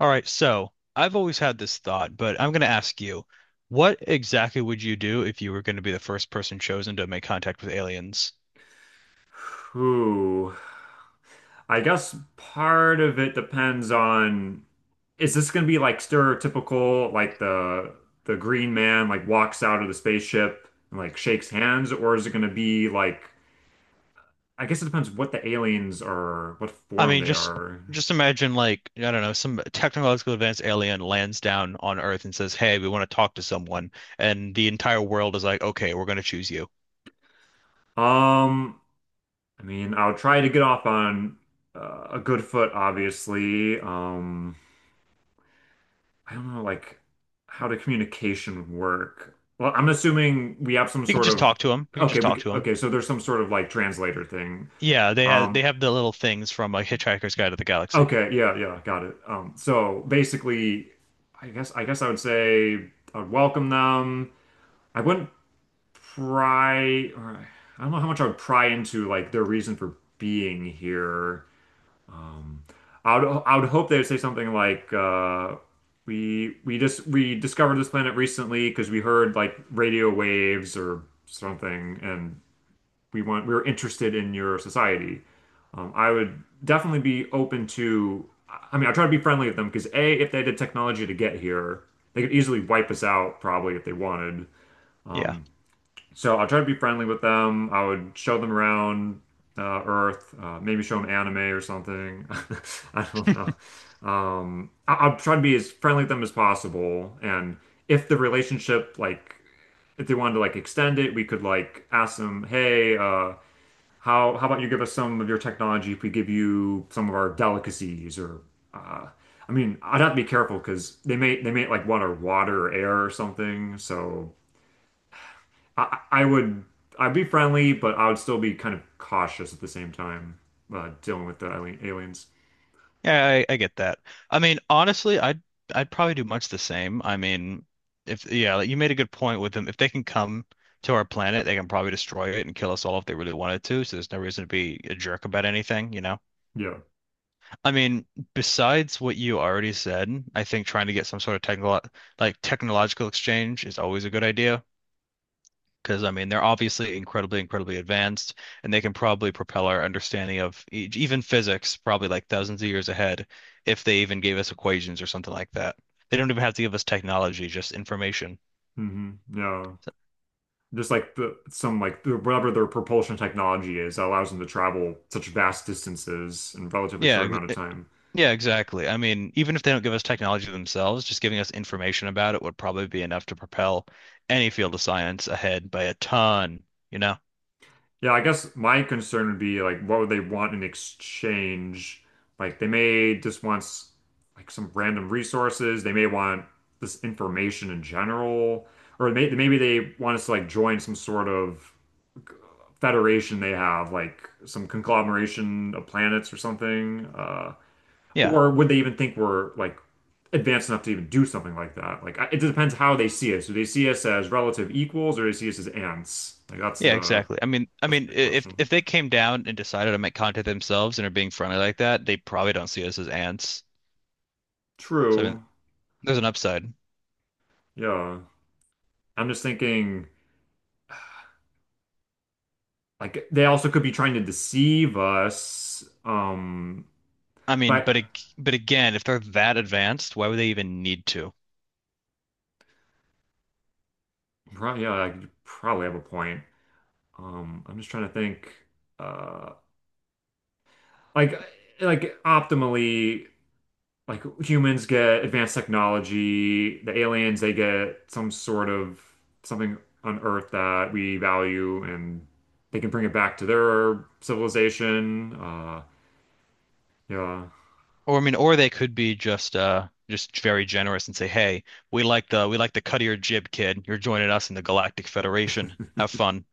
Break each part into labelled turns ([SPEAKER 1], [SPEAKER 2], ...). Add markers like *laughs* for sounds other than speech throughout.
[SPEAKER 1] All right, so I've always had this thought, but I'm going to ask you, what exactly would you do if you were going to be the first person chosen to make contact with aliens?
[SPEAKER 2] Whew. I guess part of it depends on is this going to be like stereotypical like the green man like walks out of the spaceship and like shakes hands, or is it going to be like I guess it depends what the aliens are, what
[SPEAKER 1] I
[SPEAKER 2] form
[SPEAKER 1] mean,
[SPEAKER 2] they
[SPEAKER 1] just
[SPEAKER 2] are.
[SPEAKER 1] just imagine, like, I don't know, some technological advanced alien lands down on Earth and says, "Hey, we want to talk to someone." And the entire world is like, "Okay, we're going to choose you."
[SPEAKER 2] Um, I mean, I'll try to get off on a good foot obviously. I don't know, like how the communication work. Well, I'm assuming we have some
[SPEAKER 1] You can
[SPEAKER 2] sort
[SPEAKER 1] just
[SPEAKER 2] of
[SPEAKER 1] talk to them. You can
[SPEAKER 2] okay,
[SPEAKER 1] just talk
[SPEAKER 2] we,
[SPEAKER 1] to them.
[SPEAKER 2] okay, so there's some sort of like translator thing.
[SPEAKER 1] Yeah, they have they
[SPEAKER 2] Um,
[SPEAKER 1] have the little things from, like, Hitchhiker's Guide to the Galaxy.
[SPEAKER 2] okay, yeah, yeah, got it. So basically, I guess I would say I would welcome them. I wouldn't pry, or I don't know how much I would pry into like their reason for being here. Um, I would hope they would say something like we discovered this planet recently because we heard like radio waves or something, and we were interested in your society. I would definitely be open to. I mean, I try to be friendly with them because A, if they had the technology to get here, they could easily wipe us out probably if they wanted.
[SPEAKER 1] Yeah.
[SPEAKER 2] So I'll try to be friendly with them. I would show them around Earth, maybe show them anime or something. *laughs* I don't know. I'll try to be as friendly with them as possible. And if the relationship, like, if they wanted to like extend it, we could like ask them, hey, how about you give us some of your technology if we give you some of our delicacies or uh, I mean, I'd have to be careful because they may like want our water or air or something. So I, I would I'd be friendly, but I would still be kind of cautious at the same time, dealing with the aliens.
[SPEAKER 1] Yeah, I get that. I mean, honestly, I'd probably do much the same. I mean, if yeah, like you made a good point with them. If they can come to our planet, they can probably destroy it and kill us all if they really wanted to. So there's no reason to be a jerk about anything, you know?
[SPEAKER 2] Yeah.
[SPEAKER 1] I mean, besides what you already said, I think trying to get some sort of technical like technological exchange is always a good idea. Because, I mean, they're obviously incredibly, incredibly advanced, and they can probably propel our understanding of e even physics probably like thousands of years ahead if they even gave us equations or something like that. They don't even have to give us technology, just information.
[SPEAKER 2] Yeah.
[SPEAKER 1] So,
[SPEAKER 2] Just like the some like the, whatever their propulsion technology is that allows them to travel such vast distances in a relatively
[SPEAKER 1] Yeah,
[SPEAKER 2] short amount of time.
[SPEAKER 1] yeah, exactly. I mean, even if they don't give us technology themselves, just giving us information about it would probably be enough to propel any field of science ahead by a ton, you know?
[SPEAKER 2] Yeah, I guess my concern would be like what would they want in exchange? Like they may just want like some random resources. They may want this information in general, or maybe they want us to like join some sort of federation they have, like some conglomeration of planets or something?
[SPEAKER 1] Yeah.
[SPEAKER 2] Or would they even think we're like advanced enough to even do something like that? Like, it depends how they see us. Do they see us as relative equals or do they see us as ants? Like, that's
[SPEAKER 1] Yeah,
[SPEAKER 2] the
[SPEAKER 1] exactly. I mean,
[SPEAKER 2] that's the
[SPEAKER 1] i-
[SPEAKER 2] big
[SPEAKER 1] if
[SPEAKER 2] question.
[SPEAKER 1] if they came down and decided to make contact themselves and are being friendly like that, they probably don't see us as ants. So, I mean,
[SPEAKER 2] True.
[SPEAKER 1] there's an upside.
[SPEAKER 2] Yeah. I'm just thinking like they also could be trying to deceive us.
[SPEAKER 1] I mean,
[SPEAKER 2] But
[SPEAKER 1] but again, if they're that advanced, why would they even need to?
[SPEAKER 2] yeah, I could probably have a point. I'm just trying to think. Uh, like like optimally like humans get advanced technology, the aliens they get some sort of something on Earth that we value, and they can bring it back to their civilization. Yeah
[SPEAKER 1] Or, I mean, or they could be just very generous and say, "Hey, we like the cut of your jib, kid. You're joining us in the Galactic Federation. Have fun."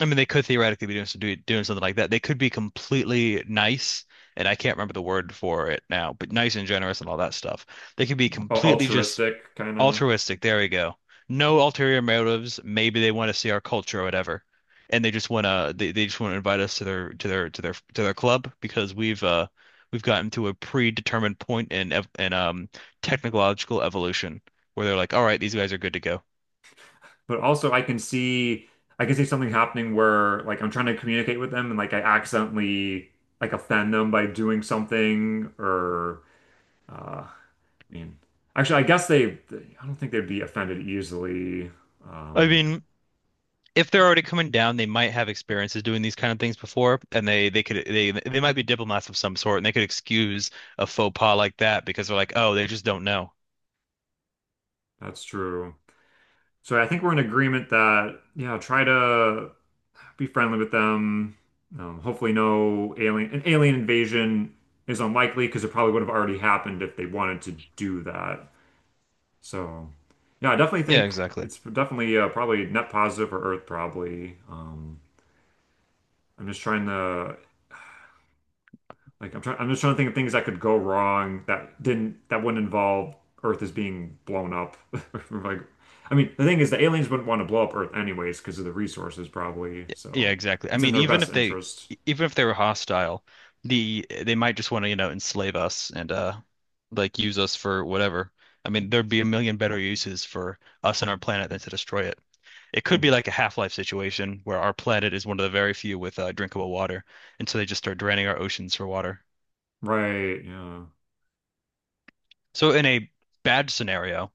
[SPEAKER 1] I mean, they could theoretically be doing something like that. They could be completely nice, and I can't remember the word for it now, but nice and generous and all that stuff. They could be
[SPEAKER 2] al-
[SPEAKER 1] completely just
[SPEAKER 2] altruistic kind of,
[SPEAKER 1] altruistic. There we go. No ulterior motives. Maybe they want to see our culture or whatever, and they just want to invite us to their club because we've gotten to a predetermined point in technological evolution where they're like, all right, these guys are good to go.
[SPEAKER 2] but also I can see something happening where like I'm trying to communicate with them and like I accidentally like offend them by doing something or uh I mean, actually, I don't think they'd be offended easily.
[SPEAKER 1] I
[SPEAKER 2] Um,
[SPEAKER 1] mean. If they're already coming down, they might have experiences doing these kind of things before, and they could they might be diplomats of some sort, and they could excuse a faux pas like that because they're like, oh, they just don't know.
[SPEAKER 2] that's true. So I think we're in agreement that, yeah, try to be friendly with them. Hopefully, no an alien invasion is unlikely because it probably would have already happened if they wanted to do that. So, yeah, I definitely
[SPEAKER 1] Yeah,
[SPEAKER 2] think
[SPEAKER 1] exactly.
[SPEAKER 2] it's definitely probably net positive for Earth, probably. I'm just trying to like I'm just trying to think of things that could go wrong that didn't that wouldn't involve Earth is being blown up. *laughs* Like, I mean, the thing is, the aliens wouldn't want to blow up Earth anyways because of the resources probably.
[SPEAKER 1] Yeah,
[SPEAKER 2] So
[SPEAKER 1] exactly. I
[SPEAKER 2] it's in
[SPEAKER 1] mean,
[SPEAKER 2] their best interest.
[SPEAKER 1] even if they were hostile, they might just want to, you know, enslave us and like use us for whatever. I mean, there'd be a million better uses for us and our planet than to destroy it. It could be
[SPEAKER 2] Mhm.
[SPEAKER 1] like a Half-Life situation where our planet is one of the very few with drinkable water, and so they just start draining our oceans for water.
[SPEAKER 2] Right? Yeah.
[SPEAKER 1] So in a bad scenario,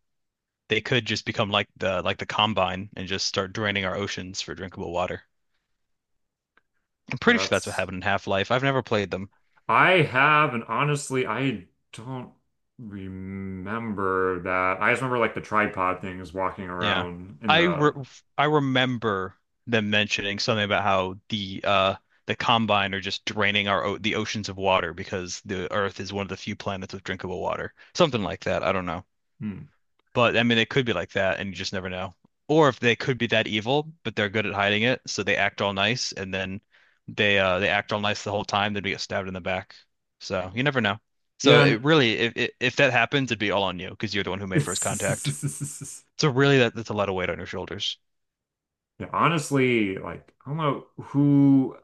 [SPEAKER 1] they could just become like the Combine and just start draining our oceans for drinkable water. I'm
[SPEAKER 2] Yeah.
[SPEAKER 1] pretty sure that's what
[SPEAKER 2] That's.
[SPEAKER 1] happened in Half-Life. I've never played them.
[SPEAKER 2] I have, and honestly, I don't remember that. I just remember like the tripod things walking
[SPEAKER 1] Yeah.
[SPEAKER 2] around in
[SPEAKER 1] I
[SPEAKER 2] the.
[SPEAKER 1] re I remember them mentioning something about how the Combine are just draining our o the oceans of water because the Earth is one of the few planets with drinkable water. Something like that. I don't know.
[SPEAKER 2] Hmm.
[SPEAKER 1] But, I mean, it could be like that, and you just never know. Or if they could be that evil, but they're good at hiding it, so they act all nice, and then they act all nice the whole time, then we get stabbed in the back. So you never know. So
[SPEAKER 2] Yeah.
[SPEAKER 1] it really, if that happens, it'd be all on you because you're the one who
[SPEAKER 2] And
[SPEAKER 1] made first contact.
[SPEAKER 2] *laughs*
[SPEAKER 1] So really, that's a lot of weight on your shoulders.
[SPEAKER 2] yeah, honestly, like I don't know who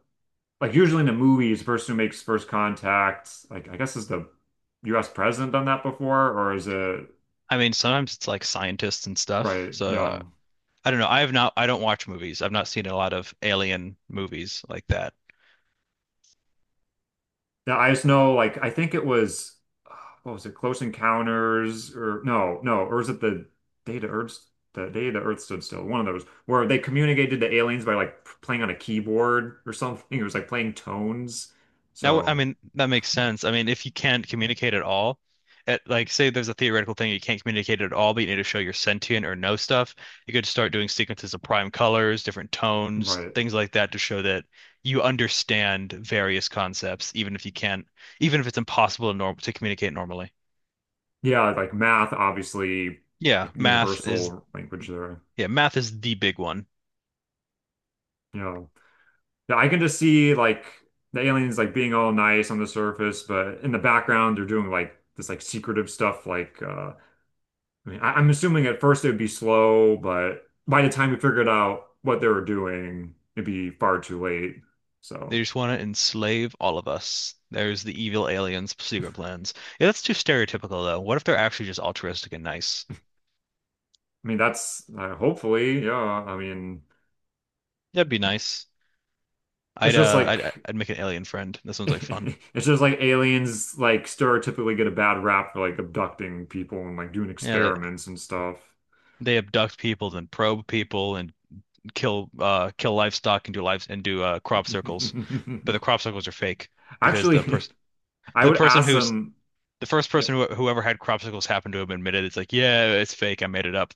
[SPEAKER 2] like usually in the movies, the person who makes first contact, like I guess is the US president done that before, or is it
[SPEAKER 1] I mean, sometimes it's like scientists and stuff.
[SPEAKER 2] right,
[SPEAKER 1] So,
[SPEAKER 2] you know.
[SPEAKER 1] I don't know. I have not. I don't watch movies. I've not seen a lot of alien movies like that.
[SPEAKER 2] Yeah, I just know like I think it was *sighs* uh, what was it, Close Encounters or no, or is it the Day the Earth the Day the Earth Stood Still, one of those where they communicated to aliens by like playing on a keyboard or something. *laughs* It was like playing tones.
[SPEAKER 1] Now, I
[SPEAKER 2] So,
[SPEAKER 1] mean, that makes sense. I mean, if you can't communicate at all, like, say there's a theoretical thing you can't communicate at all, but you need to show your sentient or know stuff, you could start doing sequences of prime colors, different tones,
[SPEAKER 2] right.
[SPEAKER 1] things like that to show that you understand various concepts, even if it's impossible to communicate normally.
[SPEAKER 2] Yeah, like math, obviously,
[SPEAKER 1] Yeah,
[SPEAKER 2] like
[SPEAKER 1] math is
[SPEAKER 2] universal language there.
[SPEAKER 1] yeah, math is the big one.
[SPEAKER 2] Yeah. Yeah, I can just see like the aliens like being all nice on the surface, but in the background they're doing like this like secretive stuff. Like I mean I'm assuming at first it would be slow, but by the time we figured out what they were doing, it'd be far too late.
[SPEAKER 1] They
[SPEAKER 2] So
[SPEAKER 1] just want to enslave all of us. There's the evil aliens' secret plans. Yeah, that's too stereotypical though. What if they're actually just altruistic and nice?
[SPEAKER 2] I mean that's hopefully, yeah. I mean
[SPEAKER 1] That'd be nice.
[SPEAKER 2] it's
[SPEAKER 1] I'd
[SPEAKER 2] just
[SPEAKER 1] uh,
[SPEAKER 2] like
[SPEAKER 1] I'd I'd make an alien friend. This sounds like fun.
[SPEAKER 2] *laughs* it's just like aliens like stereotypically get a bad rap for like abducting people and like doing
[SPEAKER 1] Yeah, they,
[SPEAKER 2] experiments and stuff.
[SPEAKER 1] they abduct people, then probe people, and kill livestock and do lives and do crop
[SPEAKER 2] *laughs*
[SPEAKER 1] circles, but the crop circles are fake because the
[SPEAKER 2] Actually,
[SPEAKER 1] person
[SPEAKER 2] I
[SPEAKER 1] but the
[SPEAKER 2] would
[SPEAKER 1] person
[SPEAKER 2] ask
[SPEAKER 1] who's
[SPEAKER 2] them.
[SPEAKER 1] the first
[SPEAKER 2] Yeah.
[SPEAKER 1] person whoever had crop circles happened to have admitted it's like, yeah, it's fake. I made it up.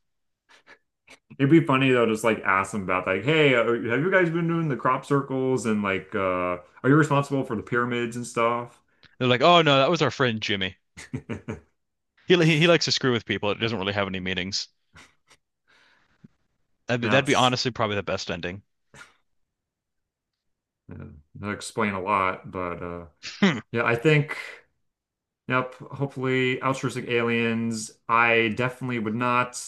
[SPEAKER 2] It'd be funny though, just like ask them about like, hey, have you guys been doing the crop circles and like, are you responsible for the pyramids and stuff?
[SPEAKER 1] They're like, "Oh, no, that was our friend Jimmy."
[SPEAKER 2] *laughs*
[SPEAKER 1] He likes to screw with people. It doesn't really have any meanings. That'd be
[SPEAKER 2] That's
[SPEAKER 1] honestly probably the best ending.
[SPEAKER 2] uh, that explain a lot, but
[SPEAKER 1] Hmm.
[SPEAKER 2] yeah, I think. Yep. Hopefully, altruistic aliens. I definitely would not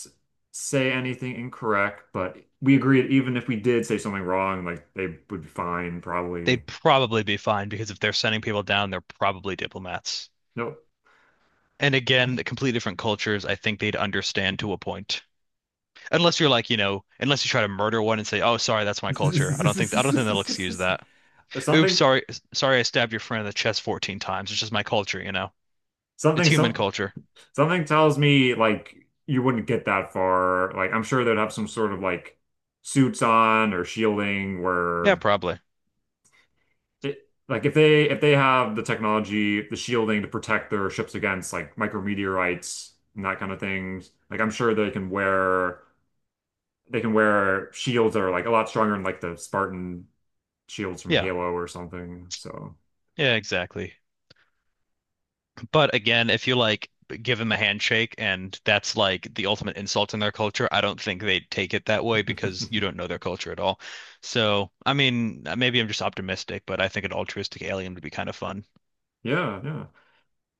[SPEAKER 2] say anything incorrect, but we agree that even if we did say something wrong, like they would be fine, probably.
[SPEAKER 1] They'd probably be fine because if they're sending people down, they're probably diplomats.
[SPEAKER 2] Nope.
[SPEAKER 1] And again, completely different cultures. I think they'd understand to a point. Unless you're like, unless you try to murder one and say, "Oh, sorry, that's my culture." I don't think
[SPEAKER 2] *laughs*
[SPEAKER 1] they'll excuse that. Oops,
[SPEAKER 2] Something,
[SPEAKER 1] sorry, sorry, I stabbed your friend in the chest 14 times. It's just my culture, you know. It's
[SPEAKER 2] something,
[SPEAKER 1] human
[SPEAKER 2] some,
[SPEAKER 1] culture.
[SPEAKER 2] Something tells me like you wouldn't get that far. Like I'm sure they'd have some sort of like suits on or shielding
[SPEAKER 1] Yeah,
[SPEAKER 2] where
[SPEAKER 1] probably.
[SPEAKER 2] it like if they have the technology, the shielding to protect their ships against like micrometeorites and that kind of things, like I'm sure they can wear shields that are like a lot stronger than like the Spartan shields from
[SPEAKER 1] Yeah.
[SPEAKER 2] Halo or something. So
[SPEAKER 1] Yeah, exactly. But again, if you like give them a handshake and that's like the ultimate insult in their culture, I don't think they'd take it that way because you
[SPEAKER 2] *laughs*
[SPEAKER 1] don't know their culture at all. So, I mean, maybe I'm just optimistic, but I think an altruistic alien would be kind of fun.
[SPEAKER 2] yeah, yeah.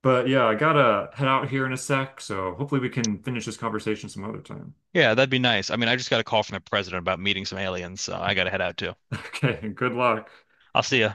[SPEAKER 2] But yeah, I gotta head out here in a sec, so hopefully we can finish this conversation some other time.
[SPEAKER 1] Yeah, that'd be nice. I mean, I just got a call from the president about meeting some aliens, so I gotta head out too.
[SPEAKER 2] *laughs* Okay, good luck.
[SPEAKER 1] I'll see you.